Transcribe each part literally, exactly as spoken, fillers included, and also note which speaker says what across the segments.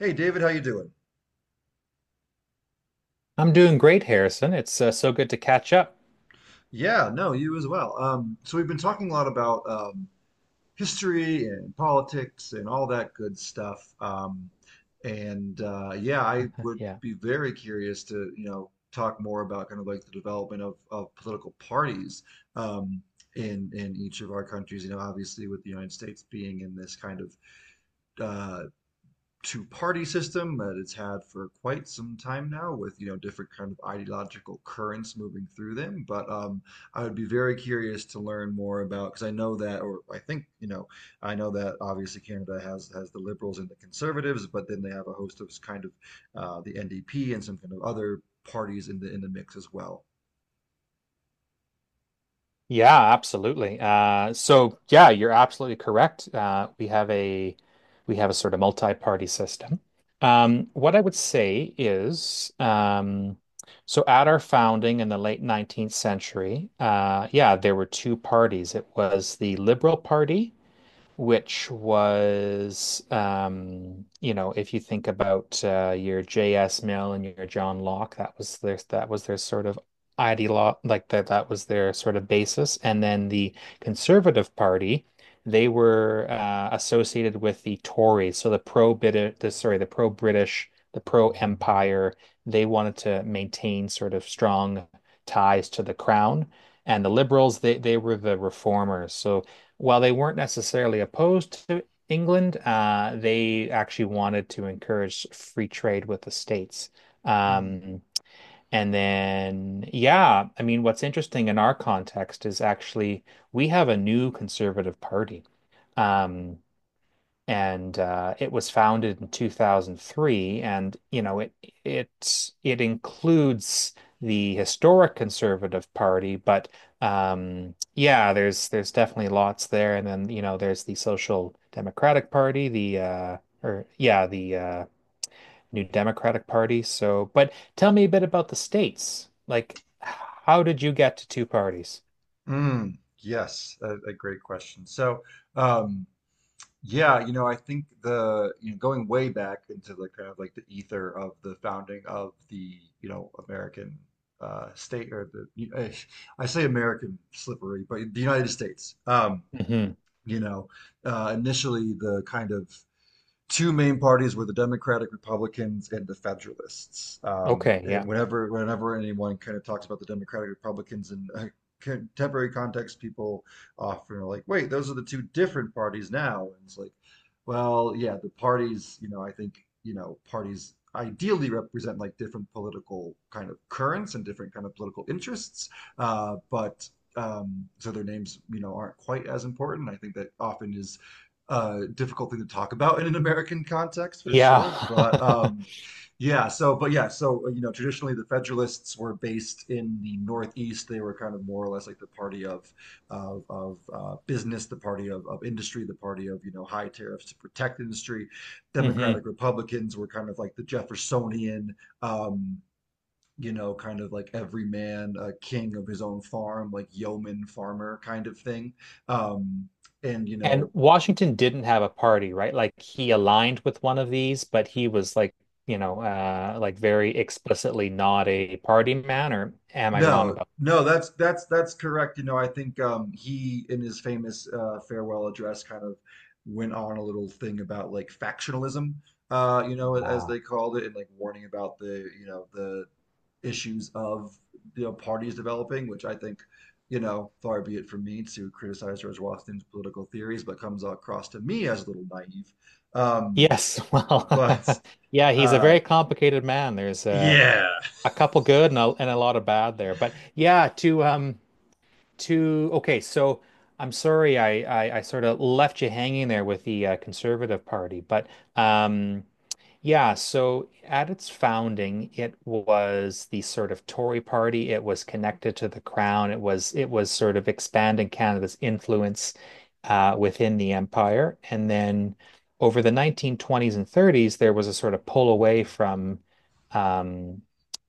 Speaker 1: Hey David, how you doing?
Speaker 2: I'm doing great, Harrison. It's uh, so good to catch up.
Speaker 1: Yeah, no, you as well. Um, so we've been talking a lot about um, history and politics and all that good stuff. Um, and uh, Yeah, I would
Speaker 2: Yeah.
Speaker 1: be very curious to, you know, talk more about kind of like the development of, of political parties, um, in in each of our countries. You know, obviously with the United States being in this kind of uh, two party system that it's had for quite some time now with, you know, different kind of ideological currents moving through them, but um, I would be very curious to learn more about because I know that, or I think, you know, I know that obviously canada has has the liberals and the conservatives, but then they have a host of kind of uh, the ndp and some kind of other parties in the in the mix as well.
Speaker 2: Yeah, absolutely. Uh, so yeah, you're absolutely correct. Uh, we have a we have a sort of multi-party system. Um, what I would say is, um, so at our founding in the late nineteenth century, uh, yeah, there were two parties. It was the Liberal Party, which was, um, you know, if you think about uh, your J S. Mill and your John Locke, that was their that was their sort of ideolo like that that was their sort of basis. And then the Conservative Party, they were uh, associated with the Tories, so the pro-British, the sorry, the pro-British, the pro-Empire. They wanted to maintain sort of strong ties to the crown. And the liberals, they, they were the reformers. So while they weren't necessarily opposed to England, uh, they actually wanted to encourage free trade with the States.
Speaker 1: mm.
Speaker 2: Um, and then, yeah, I mean, what's interesting in our context is actually we have a new conservative party. Um, and uh, it was founded in two thousand three, and you know it it it includes the historic Conservative Party. But um yeah, there's there's definitely lots there. And then, you know there's the Social Democratic Party, the uh or yeah, the uh New Democratic Party. So but tell me a bit about the states, like how did you get to two parties?
Speaker 1: Mm. Yes, a, a great question. so um, Yeah, you know, I think the, you know, going way back into the kind of like the ether of the founding of the, you know, American uh, state, or the you- eh, I say American slippery, but the United States. Um,
Speaker 2: Hmm.
Speaker 1: you know, uh, initially the kind of two main parties were the Democratic Republicans and the Federalists. Um,
Speaker 2: Okay,
Speaker 1: and
Speaker 2: yeah.
Speaker 1: whenever whenever anyone kind of talks about the Democratic Republicans in a contemporary context, people often are like, "Wait, those are the two different parties now." And it's like, well, yeah, the parties, you know, I think, you know, parties ideally represent like different political kind of currents and different kind of political interests, uh, but um, so their names, you know, aren't quite as important. I think that often is uh, difficult thing to talk about in an American context for
Speaker 2: Yeah.
Speaker 1: sure. But um, Yeah, so, but yeah, so, you know, traditionally the Federalists were based in the Northeast. They were kind of more or less like the party of of, of uh, business, the party of, of industry, the party of, you know, high tariffs to protect industry.
Speaker 2: Hmm.
Speaker 1: Democratic Republicans were kind of like the Jeffersonian. Um, you know, kind of like every man, a king of his own farm, like yeoman farmer kind of thing. Um, and you
Speaker 2: And
Speaker 1: know
Speaker 2: Washington didn't have a party, right? Like, he aligned with one of these, but he was like, you know, uh, like very explicitly not a party man, or am I wrong
Speaker 1: No,
Speaker 2: about...
Speaker 1: no, that's that's that's correct. You know, I think um he in his famous uh farewell address kind of went on a little thing about like factionalism, uh, you know, as
Speaker 2: Yeah.
Speaker 1: they called it, and like warning about the, you know, the issues of, you know, parties developing, which I think, you know, far be it from me to criticize George Washington's political theories, but comes across to me as a little naive. Um,
Speaker 2: Yes, well,
Speaker 1: but
Speaker 2: yeah, he's a
Speaker 1: uh
Speaker 2: very complicated man. There's uh,
Speaker 1: yeah.
Speaker 2: a couple good and a, and a lot of bad there. But yeah, to um to okay, so I'm sorry, I I, I sort of left you hanging there with the uh, Conservative Party, but um yeah, so at its founding, it was the sort of Tory party. It was connected to the crown. It was it was sort of expanding Canada's influence uh, within the empire. And then over the nineteen twenties and thirties, there was a sort of pull away from um,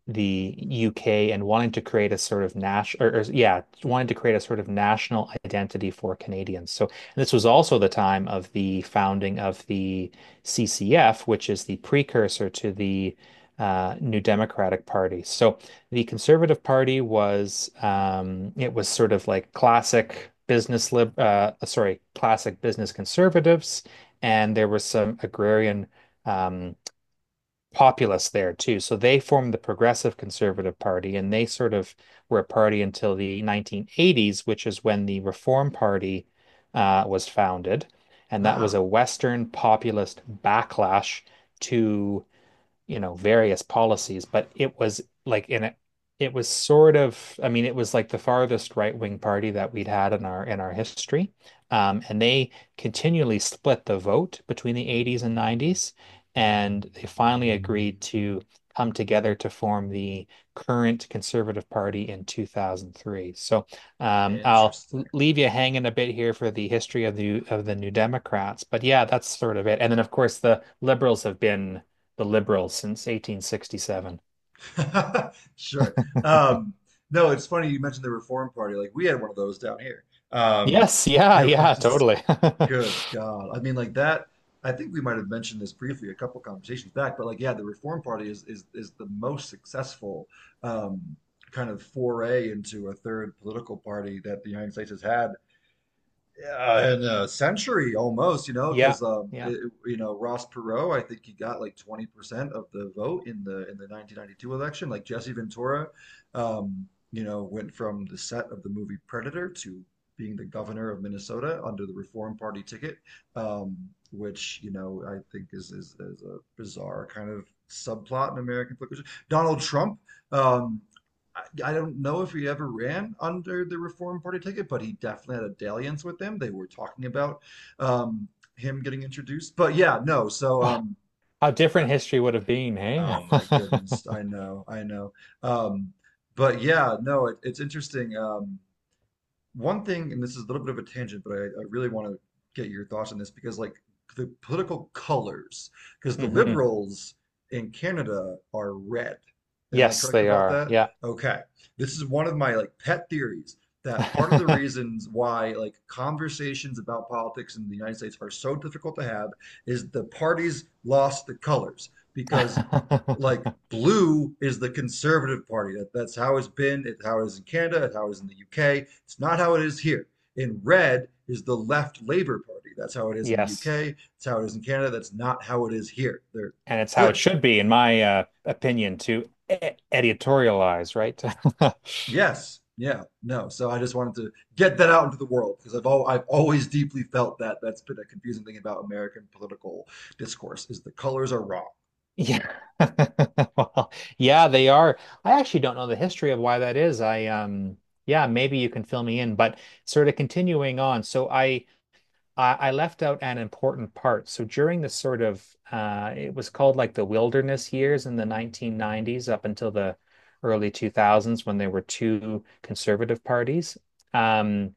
Speaker 2: the U K and wanting to create a sort of national, or, or yeah, wanting to create a sort of national identity for Canadians. So and this was also the time of the founding of the C C F, which is the precursor to the uh, New Democratic Party. So the Conservative Party was, um, it was sort of like classic business lib uh, sorry, classic business conservatives, and there was some agrarian, um, populace there too. So they formed the Progressive Conservative Party, and they sort of were a party until the nineteen eighties, which is when the Reform Party uh, was founded. And that was
Speaker 1: Ah,
Speaker 2: a Western populist backlash to, you know, various policies, but it was like in a, it was sort of, I mean, it was like the farthest right-wing party that we'd had in our in our history. Um, and they continually split the vote between the eighties and nineties, and they finally agreed to come together to form the current Conservative Party in two thousand three. So um, I'll
Speaker 1: interesting.
Speaker 2: leave you hanging a bit here for the history of the of the New Democrats, but yeah, that's sort of it. And then, of course, the Liberals have been the Liberals since eighteen sixty-seven.
Speaker 1: Sure. Um, no, it's funny you mentioned the Reform Party. Like we had one of those down here. Um,
Speaker 2: Yes, yeah,
Speaker 1: it
Speaker 2: yeah,
Speaker 1: was
Speaker 2: totally.
Speaker 1: good God. I mean, like that. I think we might have mentioned this briefly a couple conversations back, but like, yeah, the Reform Party is is is the most successful um, kind of foray into a third political party that the United States has had, yeah, and a century almost, you know,
Speaker 2: Yeah,
Speaker 1: because um,
Speaker 2: yeah.
Speaker 1: it, you know Ross Perot, I think he got like twenty percent of the vote in the in the nineteen ninety-two election. Like Jesse Ventura, um, you know, went from the set of the movie Predator to being the governor of Minnesota under the Reform Party ticket, um, which, you know, I think is is, is a bizarre kind of subplot in American politics. Donald Trump. Um, I, I don't know if he ever ran under the Reform Party ticket, but he definitely had a dalliance with them. They were talking about um, him getting introduced. But yeah, no. So,
Speaker 2: Oh,
Speaker 1: um,
Speaker 2: how
Speaker 1: I-
Speaker 2: different history would have been, hey?
Speaker 1: oh my goodness, I know, I know. Um, but yeah, no, it, it's interesting. Um, one thing, and this is a little bit of a tangent, but I, I really want to get your thoughts on this because, like, the political colors, because the
Speaker 2: Hmm.
Speaker 1: liberals in Canada are red. Am I
Speaker 2: Yes,
Speaker 1: correct
Speaker 2: they
Speaker 1: about
Speaker 2: are.
Speaker 1: that?
Speaker 2: Yeah.
Speaker 1: Okay. This is one of my like pet theories that part of the reasons why like conversations about politics in the United States are so difficult to have is the parties lost the colors because, like, blue is the conservative party. That, that's how it's been, it's how it is in Canada, it's how it is in the U K. It's not how it is here. In red is the left Labour Party. That's how it is in the
Speaker 2: Yes.
Speaker 1: U K. It's how it is in Canada. That's not how it is here. They're
Speaker 2: And it's how it
Speaker 1: flipped.
Speaker 2: should be, in my uh, opinion, to e editorialize, right?
Speaker 1: Yes. Yeah. No. So I just wanted to get that out into the world because I've al- I've always deeply felt that that's been a confusing thing about American political discourse is the colors are wrong.
Speaker 2: Yeah. Well, yeah, they are. I actually don't know the history of why that is. I um yeah, maybe you can fill me in, but sort of continuing on. So I I, I left out an important part. So during the sort of uh, it was called like the wilderness years in the nineteen nineties up until the early two thousands when there were two conservative parties. Um,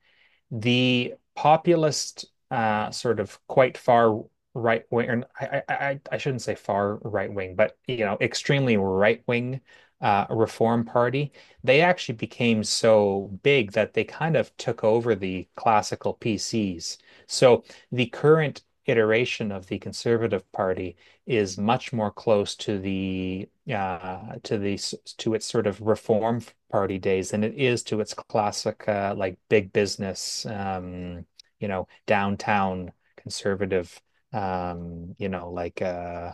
Speaker 2: the populist, uh, sort of quite far right wing, or I, I, I shouldn't say far right wing, but you know, extremely right wing, uh, Reform Party, they actually became so big that they kind of took over the classical P Cs. So the current iteration of the Conservative Party is much more close to the uh, to the to its sort of reform party days than it is to its classic, uh, like big business, um, you know downtown conservative, um, you know like, uh,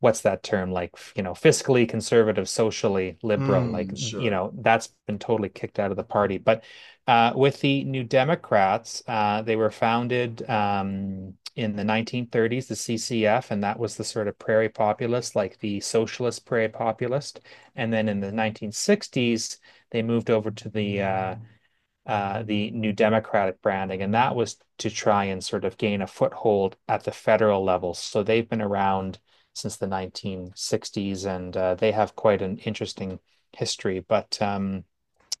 Speaker 2: what's that term, like, you know fiscally conservative, socially liberal, like,
Speaker 1: Mm,
Speaker 2: you
Speaker 1: sure.
Speaker 2: know that's been totally kicked out of the party. But uh, with the New Democrats, uh, they were founded, um, in the nineteen thirties, the C C F, and that was the sort of prairie populist, like the socialist prairie populist. And then in the nineteen sixties they moved over to the uh, uh, the New Democratic branding, and that was to try and sort of gain a foothold at the federal level. So they've been around since the nineteen sixties, and uh, they have quite an interesting history. But um,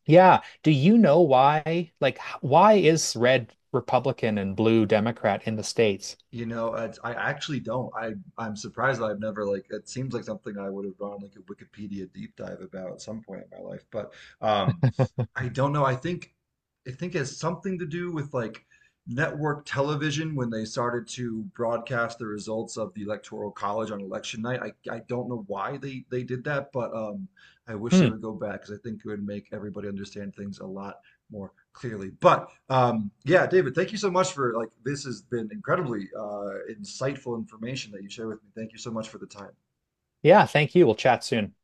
Speaker 2: yeah, do you know why? Like, why is red Republican and blue Democrat in the States?
Speaker 1: You know, I, I actually don't. I I'm surprised that I've never, like, it seems like something I would have done like a Wikipedia deep dive about at some point in my life. But um I don't know. I think I think it has something to do with like network television when they started to broadcast the results of the Electoral College on election night. I I don't know why they they did that, but um I wish they
Speaker 2: Hmm.
Speaker 1: would go back because I think it would make everybody understand things a lot more clearly. But um, yeah, David, thank you so much for like this has been incredibly uh, insightful information that you share with me. Thank you so much for the time.
Speaker 2: Yeah, thank you. We'll chat soon.